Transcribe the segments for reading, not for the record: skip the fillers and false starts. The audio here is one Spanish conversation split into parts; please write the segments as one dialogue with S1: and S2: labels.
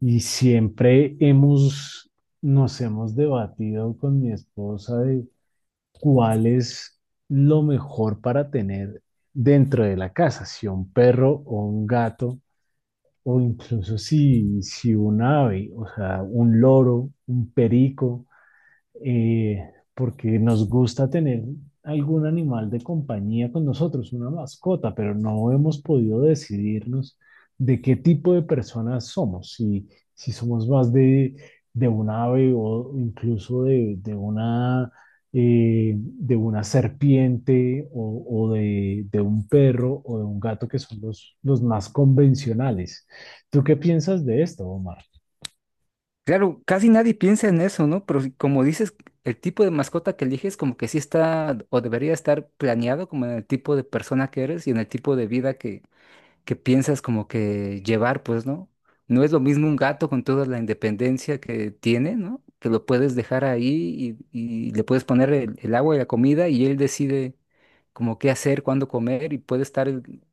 S1: Y siempre nos hemos debatido con mi esposa de cuál es lo mejor para tener dentro de la casa, si un perro o un gato, o incluso si un ave, o sea, un loro, un perico eh, porque nos gusta tener algún animal de compañía con nosotros, una mascota, pero no hemos podido decidirnos de qué tipo de personas somos, si somos más de un ave o incluso de una serpiente o de un perro o de un gato, que son los más convencionales. ¿Tú qué piensas de esto, Omar?
S2: Claro, casi nadie piensa en eso, ¿no? Pero como dices, el tipo de mascota que eliges como que sí está o debería estar planeado como en el tipo de persona que eres y en el tipo de vida que piensas como que llevar, pues, ¿no? No es lo mismo un gato con toda la independencia que tiene, ¿no? Que lo puedes dejar ahí y le puedes poner el agua y la comida y él decide como qué hacer, cuándo comer y puede estar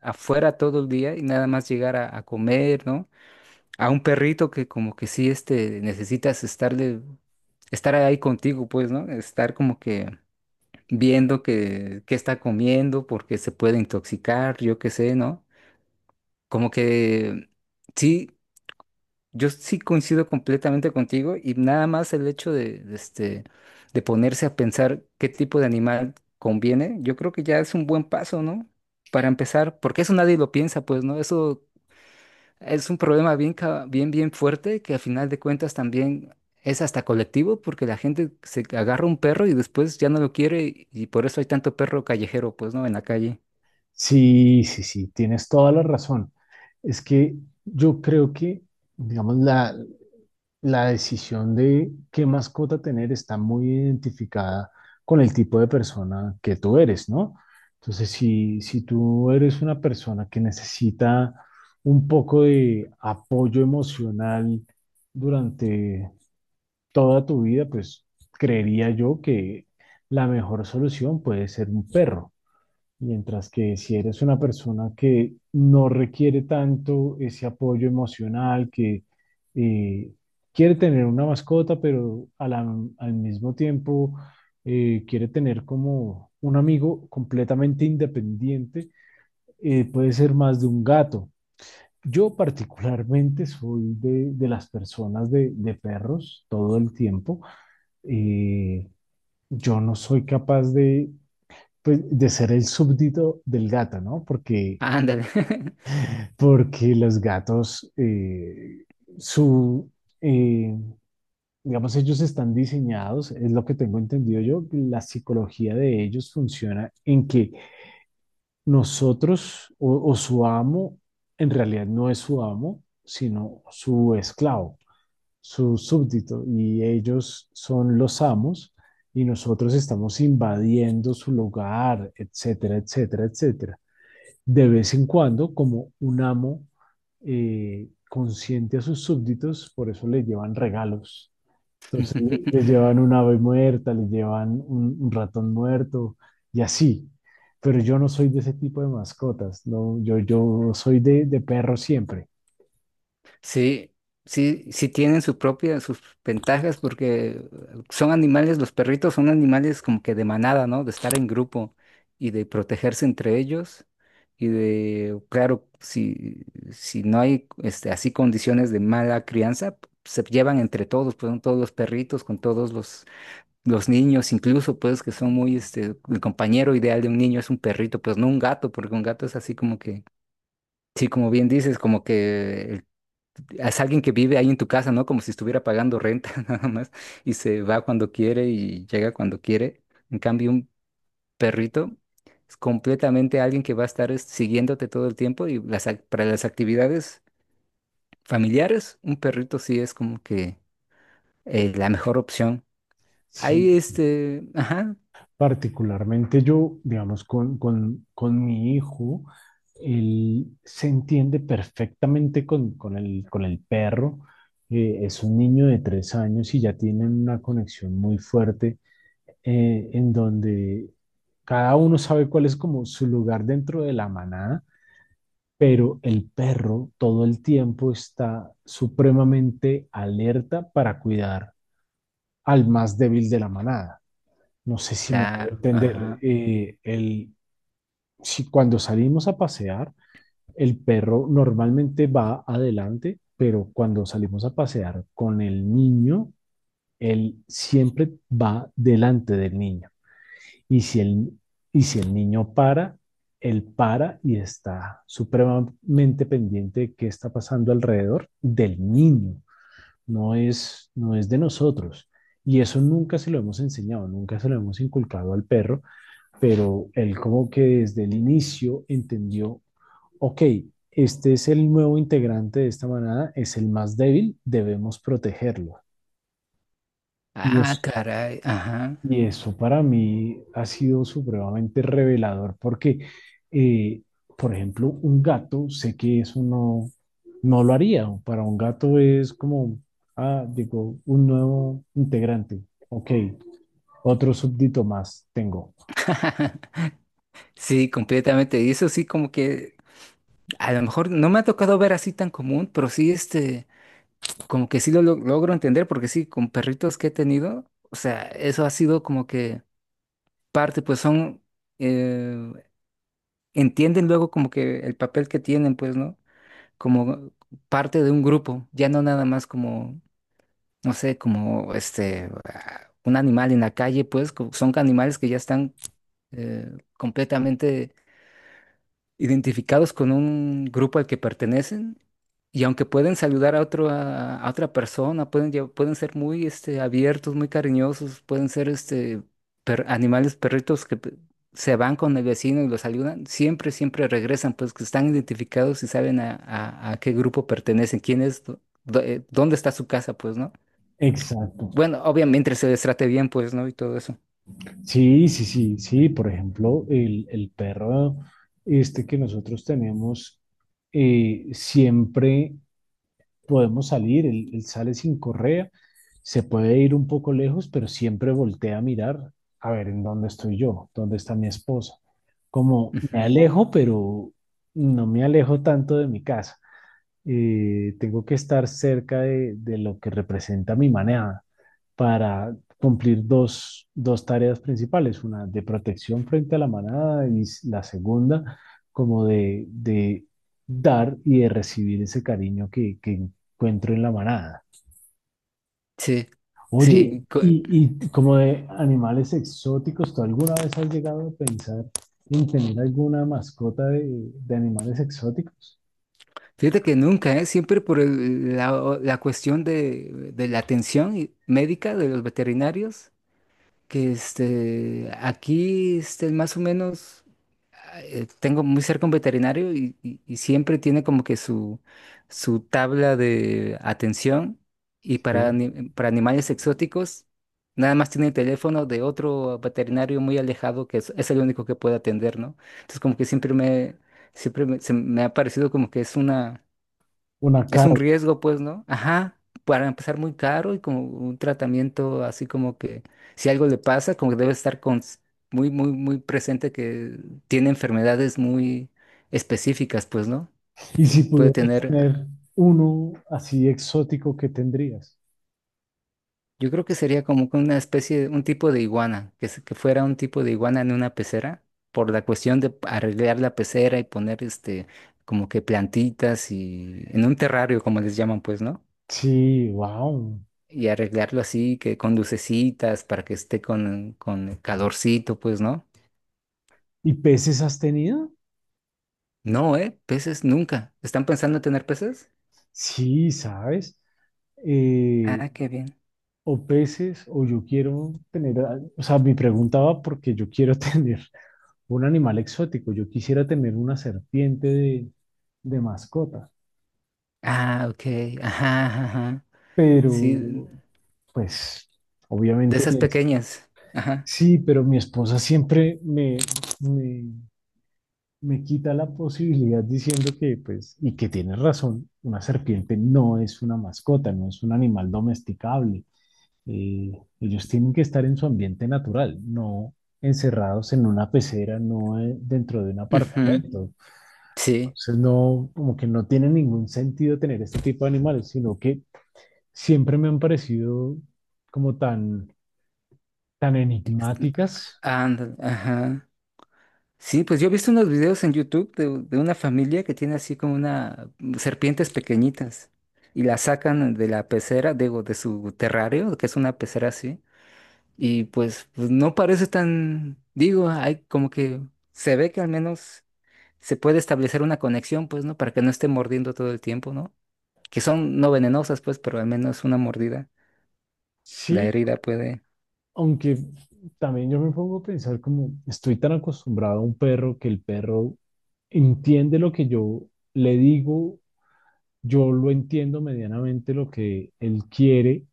S2: afuera todo el día y nada más llegar a comer, ¿no? A un perrito que como que sí, este, necesitas estarle, estar ahí contigo, pues, ¿no? Estar como que viendo qué está comiendo, porque se puede intoxicar, yo qué sé, ¿no? Como que sí, yo sí coincido completamente contigo y nada más el hecho de este, de ponerse a pensar qué tipo de animal conviene, yo creo que ya es un buen paso, ¿no? Para empezar, porque eso nadie lo piensa, pues, ¿no? Eso es un problema bien, bien, bien fuerte que a final de cuentas también es hasta colectivo porque la gente se agarra un perro y después ya no lo quiere y por eso hay tanto perro callejero, pues, ¿no? En la calle.
S1: Sí, sí, sí, tienes toda la razón. Es que yo creo que, digamos, la decisión de qué mascota tener está muy identificada con el tipo de persona que tú eres, ¿no? Entonces, si tú eres una persona que necesita un poco de apoyo emocional durante toda tu vida, pues creería yo que la mejor solución puede ser un perro. Mientras que si eres una persona que no requiere tanto ese apoyo emocional, que eh, quiere tener una mascota, pero al mismo tiempo quiere tener como un amigo completamente independiente, puede ser más de un gato. Yo particularmente soy de las personas de perros todo el tiempo. Eh, yo no soy capaz de pues, de ser el súbdito del gato, ¿no?
S2: Ah, ándale.
S1: Porque los gatos, su, eh, digamos, ellos están diseñados, es lo que tengo entendido yo, que la psicología de ellos funciona en que nosotros o su amo, en realidad no es su amo, sino su esclavo, su súbdito, y ellos son los amos y nosotros estamos invadiendo su lugar, etcétera, etcétera, etcétera. De vez en cuando como un amo consciente a sus súbditos, por eso les llevan regalos. Entonces les llevan un ave muerta, les llevan un ratón muerto y así. Pero yo no soy de ese tipo de mascotas, no, yo soy de perro siempre.
S2: Sí, sí, sí tienen su propia, sus ventajas porque son animales, los perritos son animales como que de manada, ¿no? De estar en grupo y de protegerse entre ellos y de, claro, si, si no hay este, así condiciones de mala crianza, se llevan entre todos, pues con todos los perritos, con todos los niños, incluso pues que son muy, este, el compañero ideal de un niño es un perrito, pues no un gato, porque un gato es así como que... Sí, como bien dices, como que es alguien que vive ahí en tu casa, ¿no? Como si estuviera pagando renta nada más y se va cuando quiere y llega cuando quiere. En cambio, un perrito es completamente alguien que va a estar es, siguiéndote todo el tiempo y las, para las actividades familiares, un perrito sí es como que la mejor opción.
S1: Si
S2: Ahí este, ajá,
S1: Particularmente yo, digamos, con mi hijo, él se entiende perfectamente con con el perro. Es un niño de 3 años y ya tienen una conexión muy fuerte en donde cada uno sabe cuál es como su lugar dentro de la manada, pero el perro todo el tiempo está supremamente alerta para cuidar al más débil de la manada. No sé si me hago
S2: claro,
S1: entender.
S2: ajá.
S1: Si cuando salimos a pasear, el perro normalmente va adelante, pero cuando salimos a pasear con el niño, él siempre va delante del niño. Y si el, y si el niño para, él para y está supremamente pendiente de qué está pasando alrededor del niño, no es de nosotros. Y eso nunca se lo hemos enseñado, nunca se lo hemos inculcado al perro, pero él como que desde el inicio entendió, ok, este es el nuevo integrante de esta manada, es el más débil, debemos protegerlo. Y
S2: Ah,
S1: eso,
S2: caray, ajá.
S1: y eso para mí ha sido supremamente revelador porque, eh, por ejemplo, un gato, sé que eso no, no lo haría. Para un gato es como, ah, digo, un nuevo integrante, ok, otro súbdito más tengo.
S2: Sí, completamente. Y eso sí como que a lo mejor no me ha tocado ver así tan común, pero sí este... Como que sí lo logro entender, porque sí, con perritos que he tenido, o sea, eso ha sido como que parte, pues son, eh, entienden luego como que el papel que tienen, pues, ¿no? Como parte de un grupo, ya no nada más como, no sé, como este, ah, un animal en la calle, pues, son animales que ya están eh, completamente identificados con un grupo al que pertenecen y aunque pueden saludar a otro, a otra persona, pueden, pueden ser muy este, abiertos, muy cariñosos, pueden ser este, animales, perritos que se van con el vecino y los saludan, siempre, siempre regresan, pues que están identificados y saben a qué grupo pertenecen, quién es, dónde está su casa, pues, ¿no?
S1: Exacto.
S2: Bueno, obviamente se les trate bien, pues, ¿no? Y todo eso.
S1: Sí, sí, sí, sí. Por ejemplo, el perro este que nosotros tenemos, siempre podemos salir, él sale sin correa, se puede ir un poco lejos, pero siempre voltea a mirar a ver en dónde estoy yo, dónde está mi esposa. Como me
S2: Ujú.
S1: alejo, pero no me alejo tanto de mi casa, tengo que estar cerca de lo que representa mi manada para cumplir dos, dos tareas principales, una de protección frente a la manada y la segunda como de dar y de recibir ese cariño que encuentro en la manada.
S2: Sí,
S1: Oye,
S2: sí.
S1: y como de animales exóticos, ¿tú alguna vez has llegado a pensar en tener alguna mascota de animales exóticos?
S2: Fíjate que nunca, ¿eh? Siempre por la, la cuestión de la atención médica de los veterinarios, que este, aquí este, más o menos ah, tengo muy cerca un veterinario y y siempre tiene como que su tabla de atención y para,
S1: Sí.
S2: para animales exóticos nada más tiene el teléfono de otro veterinario muy alejado que es el único que puede atender, ¿no? Entonces como que siempre me se me ha parecido como que es una
S1: Una
S2: es un
S1: carpa.
S2: riesgo, pues, ¿no? Ajá, para empezar muy caro y como un tratamiento así como que si algo le pasa, como que debe estar con, muy, muy, muy presente que tiene enfermedades muy específicas, pues, ¿no?
S1: Y si
S2: Puede
S1: pudieras
S2: tener,
S1: tener uno así exótico, ¿qué tendrías?
S2: yo creo que sería como que una especie, un tipo de iguana, que, que fuera un tipo de iguana en una pecera, por la cuestión de arreglar la pecera y poner este, como que plantitas y en un terrario, como les llaman, pues, ¿no?
S1: Sí, wow.
S2: Y arreglarlo así, que con lucecitas, para que esté con calorcito, pues, ¿no?
S1: ¿Y peces has tenido?
S2: No, ¿eh? Peces nunca. ¿Están pensando en tener peces?
S1: Sí, sabes. Eh,
S2: Ah, qué bien.
S1: o peces, o yo quiero tener, o sea, mi pregunta va porque yo quiero tener un animal exótico. Yo quisiera tener una serpiente de mascota,
S2: Ah, ok. Ajá, ajá. Ajá. Sí,
S1: pero pues
S2: de
S1: obviamente
S2: esas pequeñas. Ajá.
S1: sí, pero mi esposa siempre me me quita la posibilidad diciendo que, pues, y que tienes razón, una serpiente no es una mascota, no es un animal domesticable. Eh, ellos tienen que estar en su ambiente natural, no encerrados en una pecera, no dentro de un
S2: Ujú.
S1: apartamento.
S2: Sí.
S1: Entonces, no, como que no tiene ningún sentido tener este tipo de animales, sino que siempre me han parecido como tan, tan enigmáticas.
S2: Ándale, ajá. Sí, pues yo he visto unos videos en YouTube de una familia que tiene así como una mm, serpientes pequeñitas y las sacan de la pecera, digo, de su terrario, que es una pecera así. Y pues, pues no parece tan, digo, hay como que se ve que al menos se puede establecer una conexión, pues, ¿no? Para que no esté mordiendo todo el tiempo, ¿no? Que son no venenosas, pues, pero al menos una mordida, la
S1: Sí.
S2: herida puede.
S1: Aunque también yo me pongo a pensar como estoy tan acostumbrado a un perro que el perro entiende lo que yo le digo, yo lo entiendo medianamente lo que él quiere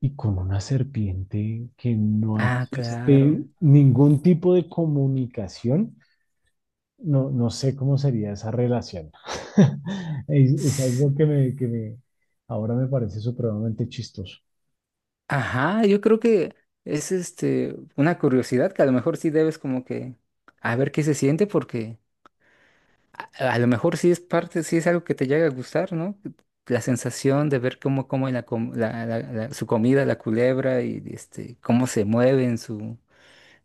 S1: y con una serpiente que no
S2: Ah, claro.
S1: existe ningún tipo de comunicación, no, no sé cómo sería esa relación. Es
S2: S-
S1: algo ahora me parece supremamente chistoso.
S2: Ajá, yo creo que es este una curiosidad que a lo mejor sí debes como que a ver qué se siente porque a lo mejor sí es parte, sí es algo que te llega a gustar, ¿no? La sensación de ver cómo come la, su comida, la culebra, y este, cómo se mueve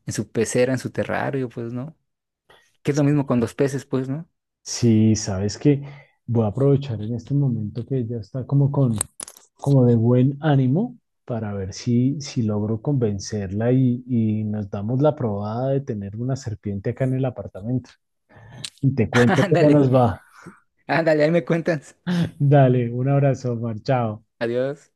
S2: en su pecera, en su terrario, pues, ¿no? Que es lo mismo con los peces, pues, ¿no?
S1: Sí, sabes que voy a aprovechar en este momento que ya está como con, como de buen ánimo para ver si logro convencerla y nos damos la probada de tener una serpiente acá en el apartamento. Y te cuento cómo
S2: Ándale,
S1: nos va.
S2: ándale, ahí me cuentas.
S1: Dale, un abrazo, Omar, chao.
S2: Adiós.